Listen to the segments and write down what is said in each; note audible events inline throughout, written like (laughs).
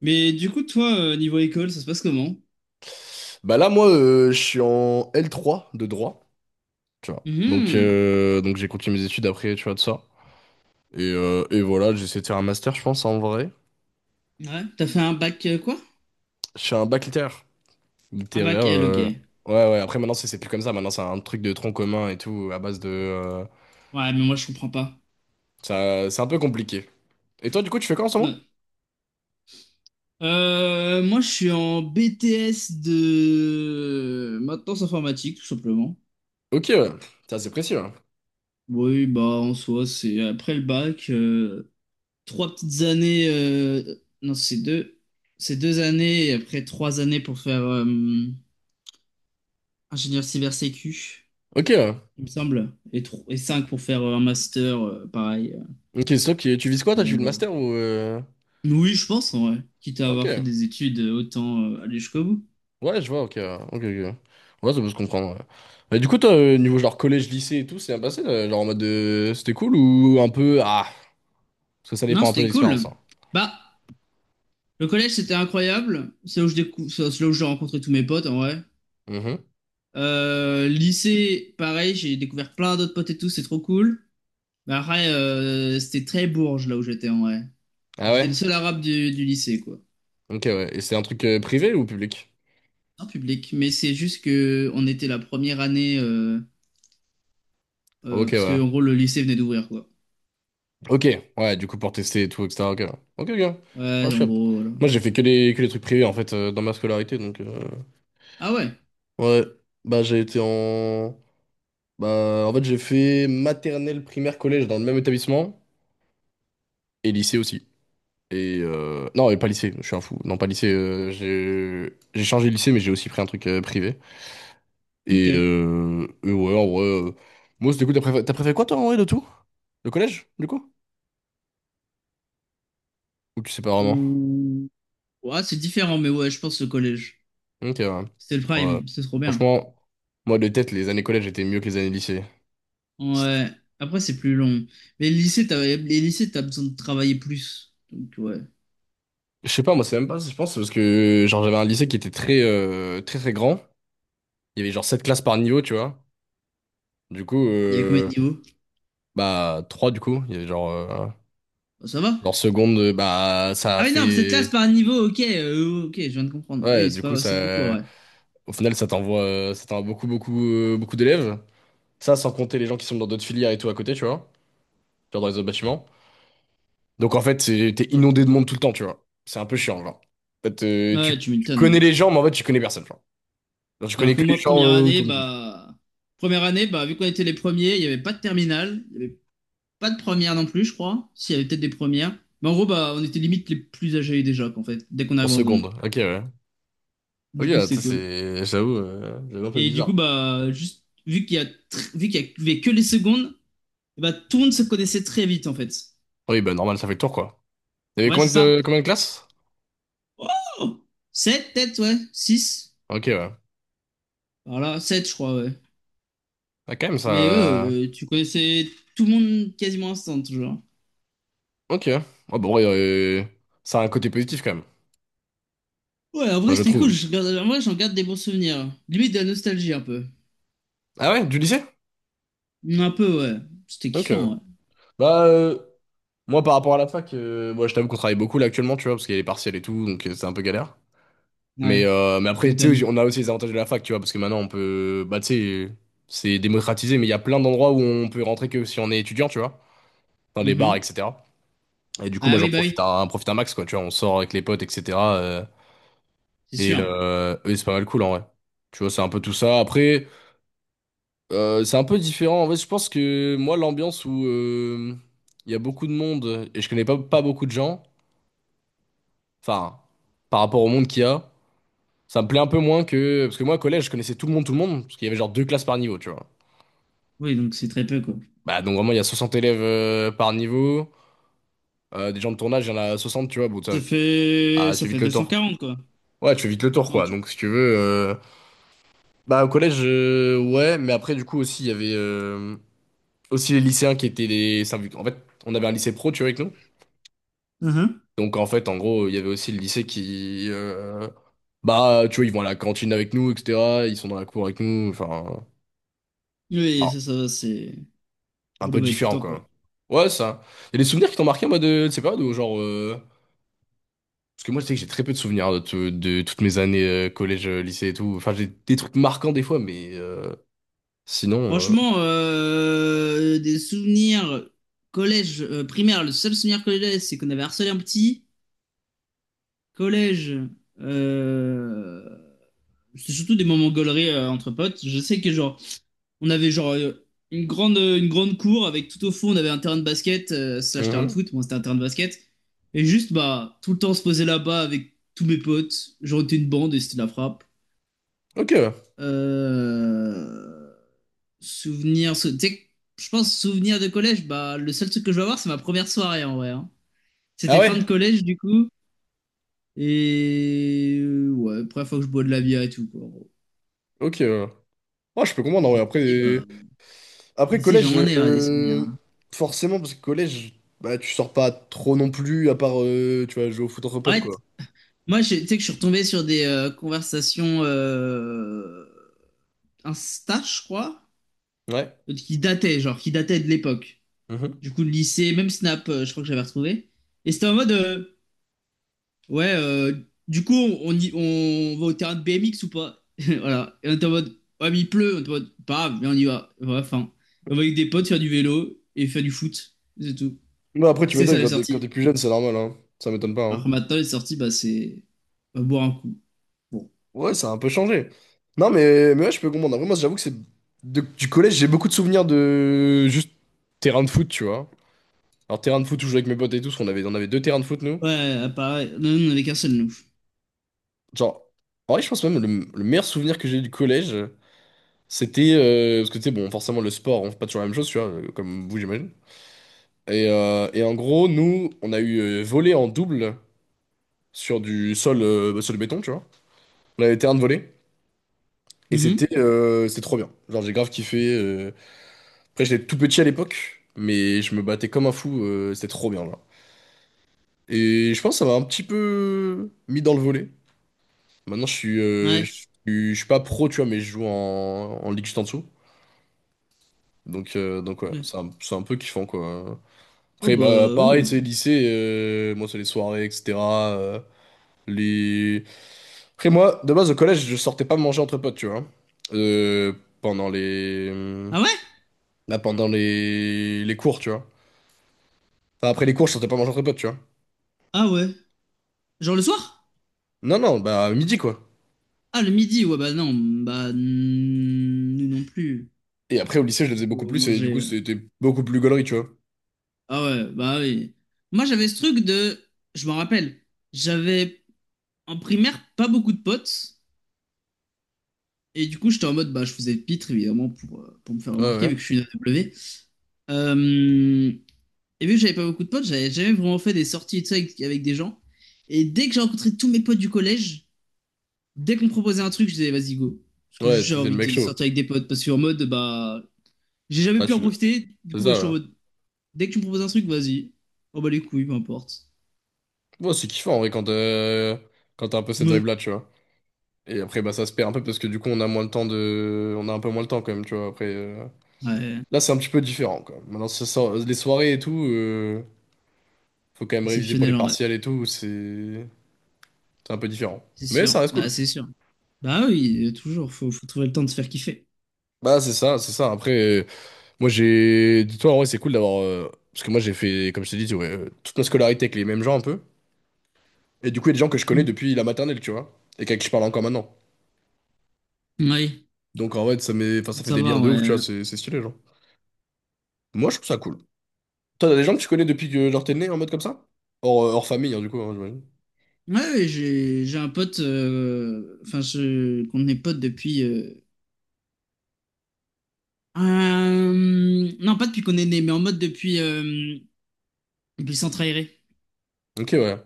Mais du coup, toi, niveau école, ça se passe comment? Bah là, moi, je suis en L3 de droit, tu vois. Mhm. Donc j'ai continué mes études après, tu vois, de ça. Et voilà, j'essaie de faire un master, je pense, en vrai. Ouais, t'as fait un bac quoi? Je fais un bac littéraire. Un Littéraire, bac L, ok. Ouais, ouais, ouais. Après, maintenant, c'est plus comme ça. Maintenant, c'est un truc de tronc commun et tout, à base de... mais moi, je comprends pas. ça, c'est un peu compliqué. Et toi, du coup, tu fais quoi en ce moment? Ouais. Moi, je suis en BTS de maintenance informatique, tout simplement. Ok, ouais. Ça, c'est précis, ouais. Oui, bah, en soi, c'est après le bac, 3 petites années. Non, c'est deux. C'est 2 années et après 3 années pour faire ingénieur cyber sécu, Ok, ouais. il me semble, et, et cinq pour faire un master, pareil. Ok, stop toi. Tu vises quoi, toi? Tu vis le Voilà. master ou... Oui, je pense, en vrai. Quitte à avoir fait Ok. des études, autant aller jusqu'au bout. Ouais, je vois, ok, ouais. Ok, ok. Ouais, ouais, ça peut se comprendre, ouais. Mais du coup, toi, niveau genre collège, lycée et tout, c'est bien passé, là, genre en mode de... c'était cool ou un peu ah, parce que ça Non, dépend un peu de c'était l'expérience, cool. hein. Bah, le collège, c'était incroyable. C'est là où j'ai rencontré tous mes potes, en vrai. Mhm. Lycée, pareil, j'ai découvert plein d'autres potes et tout, c'est trop cool. Bah, après, c'était très bourge, là où j'étais, en vrai. Ah J'étais ouais? le seul arabe du lycée, quoi. Ok, ouais. Et c'est un truc privé ou public? En public. Mais c'est juste que on était la première année, Ok, parce que, ouais. en gros, le lycée venait d'ouvrir, quoi. Ok, ouais. Du coup, pour tester et tout, etc. Ok, ouais. Ok, ok. Ouais, je Ouais, suis en up. gros, voilà. Moi, j'ai fait que les trucs privés en fait dans ma scolarité, donc Ah ouais, ouais. Bah, j'ai été en bah en fait j'ai fait maternelle, primaire, collège dans le même établissement et lycée aussi. Et non, et pas lycée, je suis un fou. Non, pas lycée. J'ai changé de lycée, mais j'ai aussi pris un truc privé. ok. Et ouais, en vrai. Mousse, du coup, t'as préféré quoi, toi, en vrai, de tout? Le collège, du coup? Ou tu sais pas vraiment? Mmh. Ouais, c'est différent, mais ouais, je pense le collège. Ok, ouais. C'était le Ouais. prime, c'est trop bien. Franchement, moi, de tête, les années collège étaient mieux que les années lycée. C'est- Ouais. Après, c'est plus long. Mais le lycée, les lycées, t'as besoin de travailler plus. Donc, ouais. Je sais pas, moi, c'est même pas, je pense, c'est parce que genre j'avais un lycée qui était très, très, très grand. Il y avait genre 7 classes par niveau, tu vois. Du coup, Il y avait combien de niveaux? bah, 3 du coup. Il y avait genre, Bah, ça va. En seconde, bah, ça a Ah oui, non, mais cette classe fait. par niveau, ok, ok, je viens de comprendre. Ah Ouais, oui, c'est du coup, pas, c'est beaucoup, ça. ouais. Au final, ça t'envoie beaucoup, beaucoup, beaucoup d'élèves. Ça, sans compter les gens qui sont dans d'autres filières et tout à côté, tu vois. Genre dans les autres bâtiments. Donc, en fait, t'es inondé de monde tout le temps, tu vois. C'est un peu chiant, genre. En fait, Ouais, tu, tu tu connais m'étonnes. les gens, mais en fait, tu connais personne, genre. Genre, tu Alors connais que que les moi, gens première année, autour de truc. bah, première année, bah, vu qu'on était les premiers, il n'y avait pas de terminale, il n'y avait pas de première non plus, je crois. S'il y avait peut-être des premières. Mais en gros, bah, on était limite les plus âgés déjà, qu'en fait, dès qu'on En arrive en seconde. seconde. Ok, ouais. Ok, Du coup, ouais, c'est ça, cool. c'est. J'avoue, j'avoue un peu Et du coup, bizarre. bah, juste, vu qu'il y avait que les secondes, et bah, tout le monde se connaissait très vite, en fait. Oui, bah, normal, ça fait le tour, quoi. Il y avait Ouais, c'est ça. Combien de classes? Oh! 7, peut-être, ouais. Six. Ok, ouais. Voilà, 7 je crois, ouais. Ah, quand même, Mais ouais, ça. Tu connaissais tout le monde quasiment instant, toujours. Ok. Ah bon, ouais, ça a un côté positif quand même. Ouais, en Enfin, vrai, je c'était cool. trouve. En vrai, j'en garde des bons souvenirs. Limite de la nostalgie, un peu. Ah ouais, du lycée? Un peu, ouais. C'était Ok. kiffant, ouais. Bah, moi par rapport à la fac, moi je t'avoue qu'on travaille beaucoup là actuellement, tu vois, parce qu'il y a les partiels et tout, donc c'est un peu galère. Ouais, Mais tu après, tu m'étonnes. sais, on a aussi les avantages de la fac, tu vois, parce que maintenant on peut. Bah, tu sais, c'est démocratisé, mais il y a plein d'endroits où on peut rentrer que si on est étudiant, tu vois, dans les bars, Mhm. etc. Et du coup, Ah moi j'en oui, bah oui, profite un max, quoi, tu vois, on sort avec les potes, etc. C'est sûr. Et c'est pas mal cool en vrai. Tu vois, c'est un peu tout ça. Après. C'est un peu différent. En fait, je pense que moi, l'ambiance où il y a beaucoup de monde et je connais pas beaucoup de gens, enfin, par rapport au monde qu'il y a, ça me plaît un peu moins que. Parce que moi, au collège, je connaissais tout le monde, parce qu'il y avait genre deux classes par niveau, tu vois. Oui, donc c'est très peu, quoi. Bah, donc vraiment, il y a 60 élèves par niveau. Des gens de tournage, il y en a 60, tu vois. Bon, ça- Ça fait, ah, tu ça fais fait vite deux le tour, cent quoi. quarante quoi. Ouais, tu fais vite le tour, Non, quoi. tu... Donc, si tu veux. Bah, au collège, ouais, mais après, du coup, aussi, il y avait aussi les lycéens qui étaient les. En fait, on avait un lycée pro, tu vois, avec nous. Donc en fait, en gros, il y avait aussi le lycée qui, bah, tu vois, ils vont à la cantine avec nous, etc. Ils sont dans la cour avec nous, enfin, Oui, alors, ça, c'est... un Vous les peu voyez tout le différent, temps, quoi. quoi. Ouais, ça. Il y a des souvenirs qui t'ont marqué, moi, de ces périodes où, genre, parce que moi, je sais que j'ai très peu de souvenirs de, de toutes mes années collège, lycée et tout. Enfin, j'ai des trucs marquants des fois, mais sinon, Franchement, des souvenirs collège, primaire, le seul souvenir collège, c'est qu'on avait harcelé un petit. Collège, euh, c'est surtout des moments gauleries entre potes. Je sais que, genre, on avait, genre, une grande cour avec tout au fond, on avait un terrain de basket, slash terrain de mhm. foot. Bon, c'était un terrain de basket. Et juste, bah, tout le temps, on se posait là-bas avec tous mes potes. Genre, on était une bande et c'était de la frappe. Ok. Euh... Tu sais, je pense souvenir de collège, bah le seul truc que je vais avoir, c'est ma première soirée en vrai, hein. Ah C'était fin de ouais? collège du coup, et ouais, première fois que je bois de la bière et tout, quoi, en gros. Ok. Moi, je peux comprendre, en Et vrai. Après, lycée, bah, lycée, collège, j'en ai hein, des souvenirs, hein. forcément, parce que collège, bah, tu sors pas trop non plus, à part, tu vas jouer au foot entre En potes, fait, quoi. moi, tu sais que je suis retombé sur des conversations Insta, je crois, Ouais. qui dataient de l'époque. Mhm. Du coup, le lycée, même Snap, je crois que j'avais retrouvé. Et c'était en mode. Ouais, du coup, on va au terrain de BMX ou pas? (laughs) Voilà. Et on était en mode, ouais, mais il pleut. On était en mode, pas grave, viens, on y va. Voilà, enfin, on va avec des potes faire du vélo et faire du foot. C'est tout. Ouais, après, tu C'est ça m'étonnes, les quand sorties. t'es plus jeune, c'est normal, hein. Ça m'étonne pas, Alors hein. que maintenant, les sorties, bah, c'est on va boire un coup. Bon. Ouais, ça a un peu changé. Non, mais ouais, je peux comprendre. Après, moi, j'avoue que c'est. Du collège, j'ai beaucoup de souvenirs de juste terrain de foot, tu vois. Alors, terrain de foot où je jouais avec mes potes et tout, parce qu'on avait, on avait deux terrains de foot, nous. Ouais, pareil. Non, non, on avait qu'un seul, nous. Genre, en vrai, je pense même le meilleur souvenir que j'ai eu du collège, c'était. Parce que, tu sais, bon, forcément, le sport, on fait pas toujours la même chose, tu vois, comme vous, j'imagine. Et en gros, nous, on a eu volé en double sur du sol, bah, sur le béton, tu vois. On avait terrain de volley. Et c'était Mhm. C'était trop bien. Genre, j'ai grave kiffé. Après, j'étais tout petit à l'époque, mais je me battais comme un fou. C'était trop bien, là. Et je pense que ça m'a un petit peu mis dans le volley. Maintenant, Ouais. Je suis pas pro, tu vois, mais je joue en, en ligue juste en dessous. Donc ouais, Ok. c'est un peu kiffant, quoi. Oh, Après, bah bah, pareil, tu sais, oui. lycée, moi, c'est les soirées, etc. euh, les... Après moi, de base au collège, je sortais pas manger entre potes, tu vois. Euh, pendant les... Ah ouais? Là, pendant les cours, tu vois. Enfin, après les cours, je sortais pas manger entre potes, tu vois. Ah ouais. Genre le soir? Non, non, bah à midi, quoi. Ah, le midi. Ouais, bah non. Bah, nous non plus. Et après au lycée, je le Du faisais coup, beaucoup on plus, et du mangeait. coup, c'était beaucoup plus gaulerie, tu vois. Ah ouais, bah oui. Moi, j'avais ce truc de... Je m'en rappelle, j'avais en primaire pas beaucoup de potes. Et du coup, j'étais en mode, bah, je faisais pitre, évidemment, pour me faire Ouais, remarquer, ouais. vu que je suis une AW. Euh, et vu que j'avais pas beaucoup de potes, j'avais jamais vraiment fait des sorties et tout ça avec, avec des gens. Et dès que j'ai rencontré tous mes potes du collège, dès qu'on me proposait un truc, je disais, vas-y, go. Parce que Ouais, juste, j'ai t'étais le envie mec de chaud. sortir avec des potes. Parce qu'en mode, bah, j'ai jamais Bah, pu en tu... l'as- profiter. Du C'est coup, bah, je ça, suis en ouais. mode, dès que tu me proposes un truc, vas-y. Oh, bah, les couilles, peu importe. Bon, c'est kiffant, en vrai, quand, quand t'as un peu cette Ouais. vibe-là, tu vois. Et après, bah, ça se perd un peu, parce que du coup, on a moins le temps de. On a un peu moins le temps, quand même, tu vois. Après, Ouais. là, c'est un petit peu différent, quoi. Maintenant, les soirées et tout. Faut quand même réviser pour les Exceptionnel en vrai. partiels et tout, c'est un peu différent. C'est Mais sûr. ça reste Bah, cool. c'est sûr. Bah oui, toujours. Faut trouver le temps de se faire kiffer. Bah c'est ça, c'est ça. Après, euh, moi j'ai. Dis-toi, en vrai, c'est cool d'avoir. Parce que moi j'ai fait, comme je t'ai dit, tu vois, toute ma scolarité avec les mêmes gens un peu. Et du coup, il y a des gens que je connais Mhm. depuis la maternelle, tu vois. Et avec qui je parle encore maintenant. Oui, Donc en vrai, ça met. Enfin, ça fait ça des va, liens de ouf, tu vois, ouais. c'est stylé, genre. Moi, je trouve ça cool. Toi, t'as des gens que tu connais depuis que genre t'es né en mode comme ça? Hors, hors famille, hein, du coup, hein, j'imagine. Ouais, ouais, j'ai un pote, enfin, qu'on est pote depuis. Non, pas depuis qu'on est né, mais en mode depuis Centre Aéré. Ok, ouais.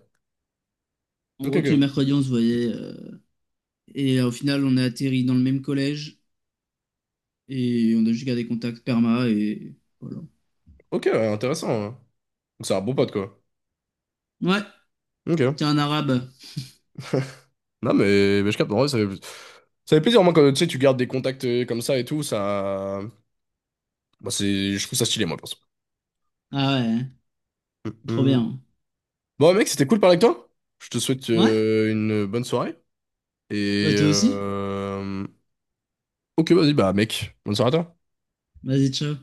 En Ok, gros, tous les ok. mercredis, on se voyait. Au final, on a atterri dans le même collège. Et on a juste gardé contact perma. Et voilà. Ok, ouais, intéressant, ouais. Donc c'est un bon pote, quoi. Ouais, t'es Ok. un arabe. Non, mais je capte, en vrai, ça fait plaisir, moi, quand tu sais, tu gardes des contacts comme ça et tout, ça. Bah, c'est, je trouve ça stylé, moi, perso. Ah ouais, hein. Mm, Trop mm. bien. Bon, mec, c'était cool de parler avec toi. Je te souhaite Ouais, une bonne soirée. bah Et. toi aussi. euh, Ok, vas-y, bah, mec, bonne soirée à toi. Vas-y, ciao.